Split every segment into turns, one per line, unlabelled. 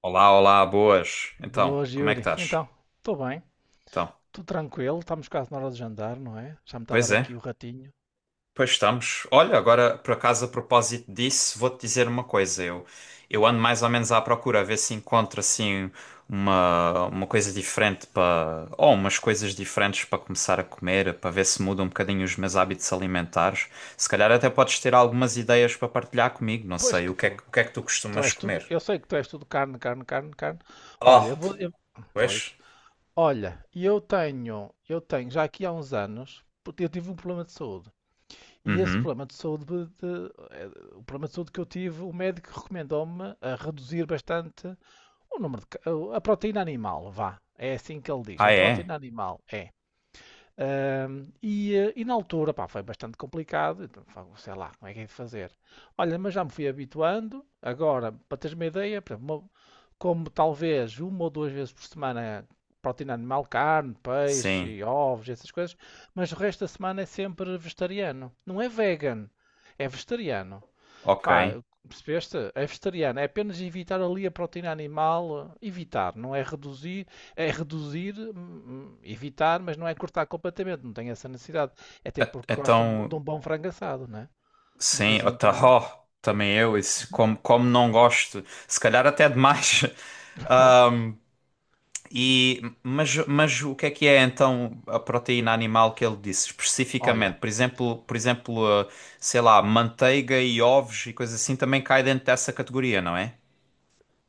Olá, olá, boas. Então,
Boas,
como é que
Yuri.
estás?
Então, estou bem,
Então,
estou tranquilo, estamos quase na hora de jantar, não é? Já me está a dar
pois é,
aqui o ratinho.
pois estamos. Olha, agora, por acaso, a propósito disso, vou-te dizer uma coisa. Eu ando mais ou menos à procura, a ver se encontro, assim, uma coisa diferente para Ou umas coisas diferentes para começar a comer, para ver se muda um bocadinho os meus hábitos alimentares. Se calhar até podes ter algumas ideias para partilhar comigo, não
Pois
sei.
que estou.
O que é que tu
Tu
costumas
és tudo,
comer?
eu sei que tu és tudo carne, carne, carne, carne. Olha,
Oh, pois.
pois. Olha, e eu tenho já aqui há uns anos, porque eu tive um problema de saúde. E esse
Uhum.
problema de saúde, o problema de saúde que eu tive, o médico recomendou-me a reduzir bastante o número de, a proteína animal, vá. É assim que ele diz, é
Ah, é?
proteína animal, é. E na altura, pá, foi bastante complicado. Então, sei lá, como é que é de fazer? Olha, mas já me fui habituando. Agora, para teres uma ideia, por exemplo, como talvez uma ou duas vezes por semana proteína animal, carne, peixe
Sim.
e ovos, essas coisas, mas o resto da semana é sempre vegetariano. Não é vegan, é vegetariano.
Ok.
Pá, percebeste? É vegetariano. É apenas evitar ali a proteína animal. Evitar, não é reduzir. É reduzir, evitar, mas não é cortar completamente. Não tem essa necessidade. Até porque gostam de
Então,
um bom frango assado, né? De vez
sim, o
em quando.
tarro também eu, isso, como, como não gosto, se calhar até demais.
Hã?
Ahm, mas o que é então a proteína animal que ele disse
Olha,
especificamente? Por exemplo, sei lá, manteiga e ovos e coisa assim também cai dentro dessa categoria, não é?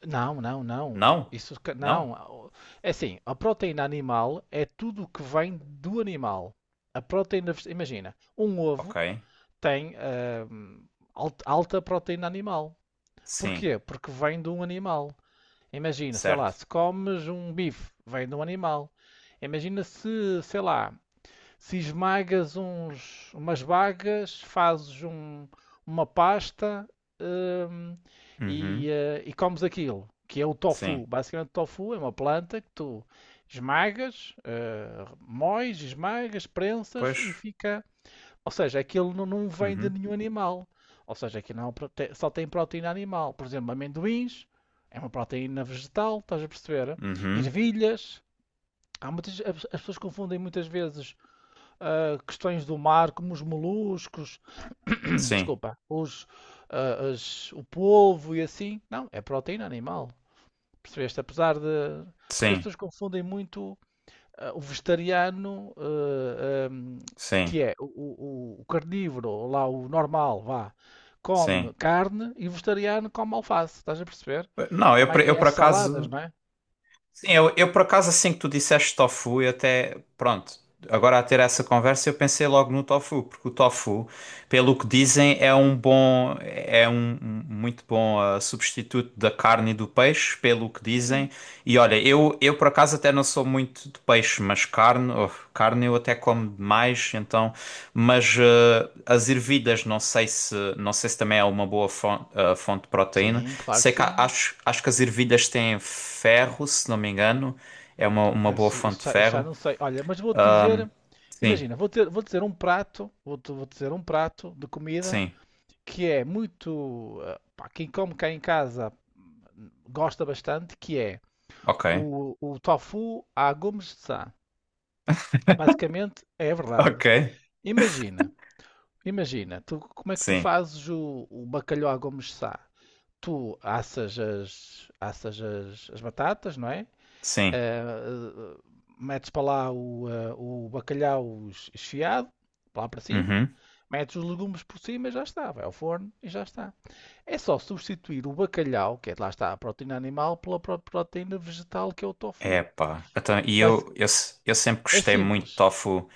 não, não, não.
Não?
Isso
Não?
não. Ah, é assim, a proteína animal é tudo o que vem do animal. A proteína, imagina, um ovo
Ok.
tem alta proteína animal.
Sim,
Porquê? Porque vem de um animal. Imagina, sei lá,
certo.
se comes um bife, vem de um animal. Imagina se, sei lá, se esmagas umas bagas, fazes uma pasta, hum,
Uhum,
e comes aquilo, que é o
sim.
tofu. Basicamente, o tofu é uma planta que tu esmagas, moes, esmagas, prensas e
Pois.
fica. Ou seja, aquilo não, não vem de
Uhum,
nenhum animal. Ou seja, aquilo não, é só tem proteína animal. Por exemplo, amendoins é uma proteína vegetal, estás a perceber?
uhum.
Ervilhas. Há muitas, as pessoas confundem muitas vezes questões do mar, como os moluscos,
Sim,
desculpa, o polvo e assim. Não, é proteína animal. Percebeste? Apesar de. Porque as
sim,
pessoas confundem muito o vegetariano,
sim,
que é o carnívoro, lá o normal, vá, come
sim.
carne e o vegetariano come alface, estás a perceber?
Não,
É mais,
eu
é
por
as saladas,
acaso.
não é?
Sim, eu por acaso assim que tu disseste tofu, eu até. Pronto, agora a ter essa conversa eu pensei logo no tofu, porque o tofu, pelo que dizem, é um bom. É um um muito bom substituto da carne e do peixe, pelo que
Sim,
dizem. E olha, eu por acaso até não sou muito de peixe, mas carne, oh, carne eu até como demais, então. Mas as ervilhas, não sei se, não sei se também é uma boa fonte, fonte de proteína.
sim, claro que
Sei que
sim.
acho, acho que as ervilhas têm ferro, se não me engano. É uma
Ah,
boa
isso,
fonte
isso
de
já, isso já
ferro.
não sei. Olha, mas vou-te
Ahm,
dizer,
sim,
imagina, vou dizer um prato de comida
sim.
que é muito, pá, quem come cá em casa gosta bastante, que é
Ok.
o tofu à Gomes de Sá. Basicamente é verdade.
Ok.
Imagina, imagina, tu, como é que tu
Sim,
fazes o bacalhau à Gomes Sá? Tu assas as batatas, não é?
sim.
Eh, eh, Metes para lá o bacalhau esfiado, para lá para cima,
Uhum.
metes os legumes por cima e já está, vai ao forno e já está. É só substituir o bacalhau, que é, lá está a proteína animal, pela proteína vegetal que é o tofu.
Epá. Então, e
Basi-
eu, se- eu sempre
é
gostei muito de
simples.
tofu.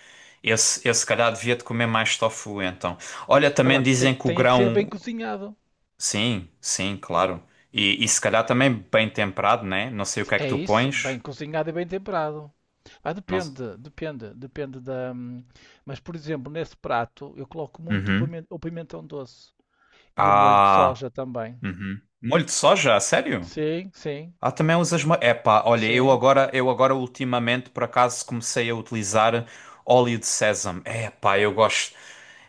Eu se calhar devia de comer mais tofu, então. Olha, também
Agora, tem,
dizem que o
tem é que ser bem
grão.
cozinhado.
Sim, sim, claro. E se calhar também bem temperado, né? Não sei o que é que
É
tu
isso, bem
pões.
cozinhado e bem temperado. Ah,
Não... se-
depende da. Mas, por exemplo, nesse prato eu coloco muito o
Uhum.
o pimentão doce e o molho de
Ah,
soja também.
uhum. Molho de soja, a sério?
Sim, sim,
Ah, também usas molho. Epá, olha,
sim.
eu agora ultimamente por acaso comecei a utilizar óleo de sésamo. Epá, eu gosto.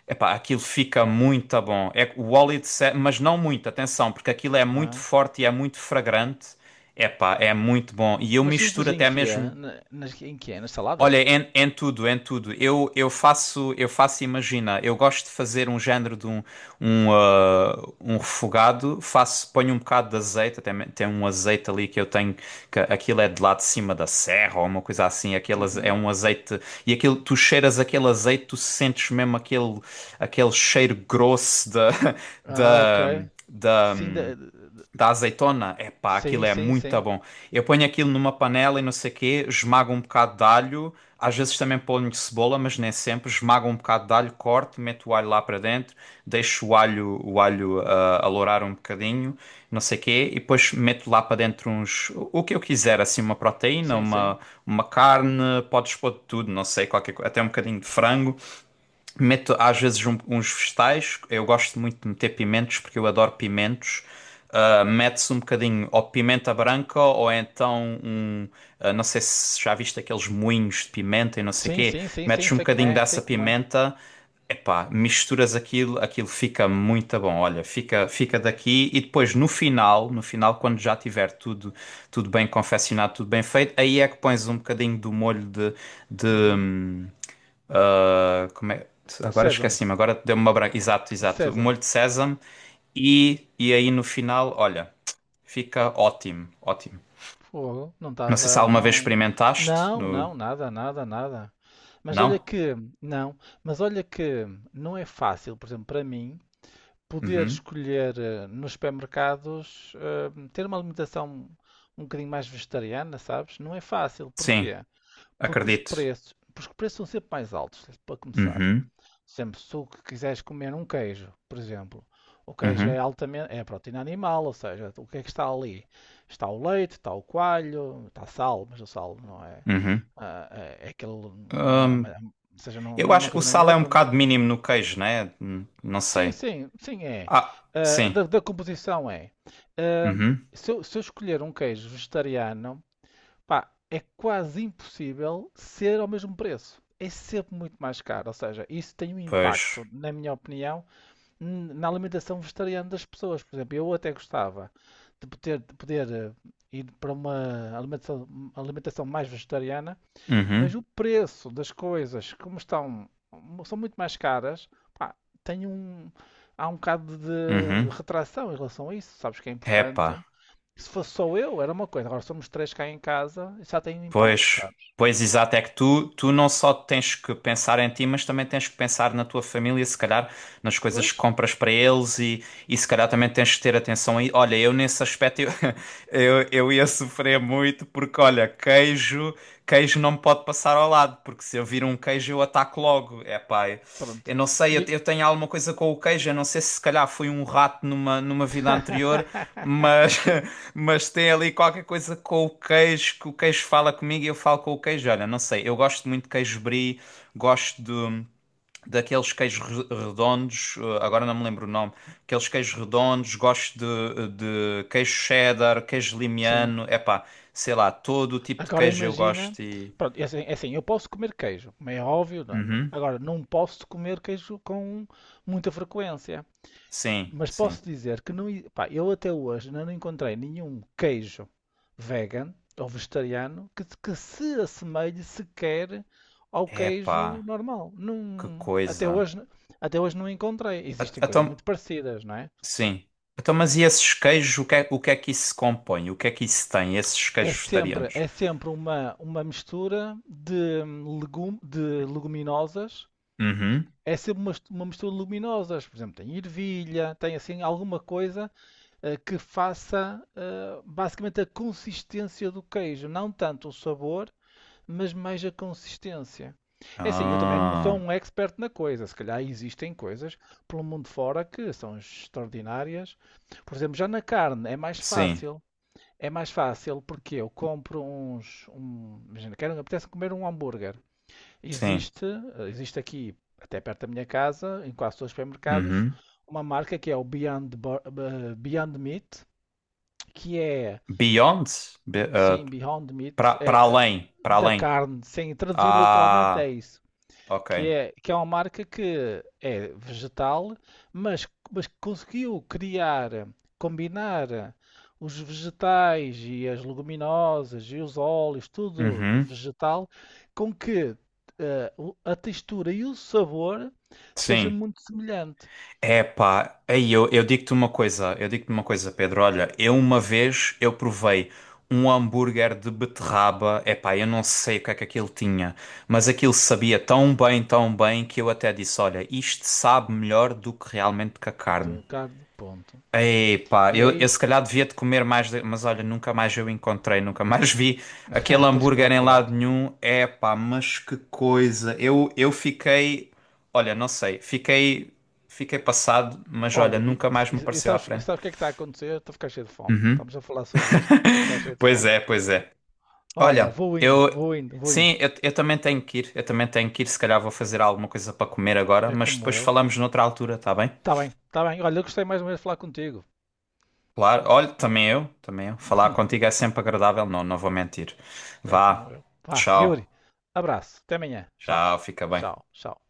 Epá, aquilo fica muito bom. É que o óleo de sésamo, mas não muito, atenção, porque aquilo é muito
Ah.
forte e é muito fragrante. Epá, é muito bom. E eu
Mas
misturo
usas em
até
que
mesmo.
é? Nas, em que é? Nas
Olha,
saladas?
em tudo, em tudo. Eu, eu faço, imagina, eu gosto de fazer um género de um, um refogado, faço, ponho um bocado de azeite, tem um azeite ali que eu tenho, que aquilo é de lá de cima da serra ou uma coisa assim, é
Uhum.
um azeite, e aquilo, tu cheiras aquele azeite, tu sentes mesmo aquele, aquele cheiro grosso da,
Ah, ok.
da, da,
Sim,
da azeitona? Epá,
sim,
aquilo é
sim,
muito
sim,
bom. Eu ponho aquilo numa panela e não sei o quê, esmago um bocado de alho, às vezes também ponho cebola, mas nem sempre. Esmago um bocado de alho, corto, meto o alho lá para dentro, deixo o alho, alourar um bocadinho, não sei o quê, e depois meto lá para dentro uns, o que eu quiser, assim,
sim, sim,
uma carne, podes pôr de tudo, não sei, até um bocadinho de frango. Meto às vezes uns vegetais. Eu gosto muito de meter pimentos porque eu adoro pimentos. Ah, mete-se um bocadinho ou pimenta branca ou então um. Não sei se já viste aqueles moinhos de pimenta e não sei
sim,
quê.
sim, sim, sim,
Metes um
sei como
bocadinho
é, sei
dessa
como é.
pimenta. Epá, misturas aquilo, aquilo fica muito bom. Olha, fica, fica daqui e depois no final, no final, quando já tiver tudo, tudo bem confeccionado, tudo bem feito, aí é que pões um bocadinho do molho de, de,
Uhum.
hum, como é?
De
Agora
sésamo,
esqueci-me, agora deu-me uma branca. Exato,
de
exato. O
sésamo.
molho de sésamo. E aí no final, olha, fica ótimo, ótimo.
Fogo, não
Não sei se
estava,
alguma vez
não.
experimentaste.
Não,
No...
não, nada, nada, nada. Mas olha
Não?
que, não, mas olha que não é fácil, por exemplo, para mim, poder
Uhum.
escolher nos supermercados, ter uma alimentação um bocadinho mais vegetariana, sabes? Não é fácil.
Sim,
Porquê? Porque os
acredito.
preços, porque os preços são sempre mais altos, para começar.
Uhum,
Sempre, se tu quiseres comer um queijo, por exemplo, o queijo é
uhum,
altamente, é proteína animal, ou seja, o que é que está ali? Está o leite, está o coalho, está sal, mas o sal não é,
uhum.
é aquele, não,
Hum,
ou seja, não,
eu
não é uma
acho que o
coisa nem
sal é um
outra, não é?
bocado mínimo no queijo, né? Não
Sim,
sei.
sim, sim é.
Ah,
Ah,
sim.
da composição é. Ah,
Uhum.
se eu escolher um queijo vegetariano, pá, é quase impossível ser ao mesmo preço. É sempre muito mais caro, ou seja, isso tem um
Pois.
impacto, na minha opinião, na alimentação vegetariana das pessoas. Por exemplo, eu até gostava de poder, ir para uma alimentação mais vegetariana, mas
Uhum,
o preço das coisas, como estão, são muito mais caras, pá, tem um, há um bocado de
uhum.
retração em relação a isso. Sabes que é
Epá.
importante. Se fosse só eu, era uma coisa. Agora somos três cá em casa, isso já tem um impacto,
Pois,
sabes?
pois exato, é que tu, tu não só tens que pensar em ti, mas também tens que pensar na tua família, se calhar nas coisas
Pois,
que compras para eles e se calhar também tens que ter atenção aí. Olha, eu nesse aspecto eu, eu ia sofrer muito porque, olha, queijo, queijo não me pode passar ao lado, porque se eu vir um queijo eu ataco logo. É pá,
pronto.
eu não sei, eu,
E...
eu tenho alguma coisa com o queijo, eu não sei se se calhar fui um rato numa vida anterior, mas, mas tem ali qualquer coisa com o queijo, que o queijo fala comigo e eu falo com o queijo. Olha, não sei, eu gosto muito de queijo brie, gosto de, daqueles redondos, agora não me lembro o nome, aqueles queijos redondos, gosto de queijo cheddar, queijo
Sim.
limiano, epá, sei lá, todo o tipo de
Agora
queijo eu
imagina,
gosto e...
pronto, é assim, eu posso comer queijo, como é óbvio,
Uhum,
agora não posso comer queijo com muita frequência,
sim,
mas
sim.
posso dizer que não, pá, eu até hoje ainda não encontrei nenhum queijo vegan ou vegetariano que se assemelhe sequer ao queijo
Epá,
normal.
que
Não, até
coisa.
hoje, até hoje não encontrei. Existem coisas
Então,
muito parecidas, não é?
sim. Então, mas e esses queijos, o que é que isso se compõe? O que é que isso tem, esses
É
queijos
sempre,
vegetarianos?
é sempre uma mistura de leguminosas.
Uhum.
É sempre uma mistura luminosa. Por exemplo, tem ervilha, tem assim alguma coisa que faça basicamente a consistência do queijo. Não tanto o sabor, mas mais a consistência. É assim, eu também não sou
Ah,
um expert na coisa. Se calhar existem coisas pelo mundo fora que são extraordinárias. Por exemplo, já na carne é mais
sim,
fácil. É mais fácil porque eu compro uns. Um, imagina, apetece comer um hambúrguer.
sim.
Existe, existe aqui, até perto da minha casa, em quase todos os supermercados,
Uhum.
uma marca que é o Beyond Meat, que é,
Beyond? Be- ah,
sim, Beyond Meat,
para
é
para
da
além.
carne, sem traduzido literalmente é
Ah,
isso
ok.
que é, uma marca que é vegetal, mas que conseguiu criar, combinar os vegetais e as leguminosas e os óleos, tudo
Uhum.
vegetal, com que a textura e o sabor seja
Sim.
muito semelhante.
É pá, aí eu, eu digo-te uma coisa, Pedro. Olha, eu uma vez eu provei um hambúrguer de beterraba. É pá, eu não sei o que é que aquilo tinha, mas aquilo sabia tão bem que eu até disse, olha, isto sabe melhor do que realmente que a carne.
Então, carne, ponto.
Epá,
E é
eu se
isso.
calhar devia de comer mais, mas olha, nunca mais eu encontrei, nunca mais vi aquele
Tens que
hambúrguer em
procurar.
lado nenhum. Epá, mas que coisa! Eu fiquei, olha, não sei, fiquei, fiquei passado, mas olha,
Olha, e,
nunca mais me
e- e
apareceu à
sabes, e
frente.
sabes o que é que está a acontecer? Estou a ficar cheio de fome.
Uhum.
Estamos a falar sobre isto. Estou a ficar cheio de
Pois
fome.
é, pois é.
Olha,
Olha,
vou indo,
eu,
vou indo, vou indo.
sim, eu também tenho que ir, eu também tenho que ir, se calhar vou fazer alguma coisa para comer agora,
É
mas
como
depois
eu.
falamos noutra altura, tá bem?
Tá bem, tá bem. Olha, eu gostei mais ou menos de falar contigo.
Claro, olha, também eu, também eu. Falar contigo é sempre agradável, não, não vou mentir.
É como
Vá,
eu. Vá, Yuri,
tchau,
abraço. Até amanhã. Tchau.
tchau, fica bem.
Tchau, tchau.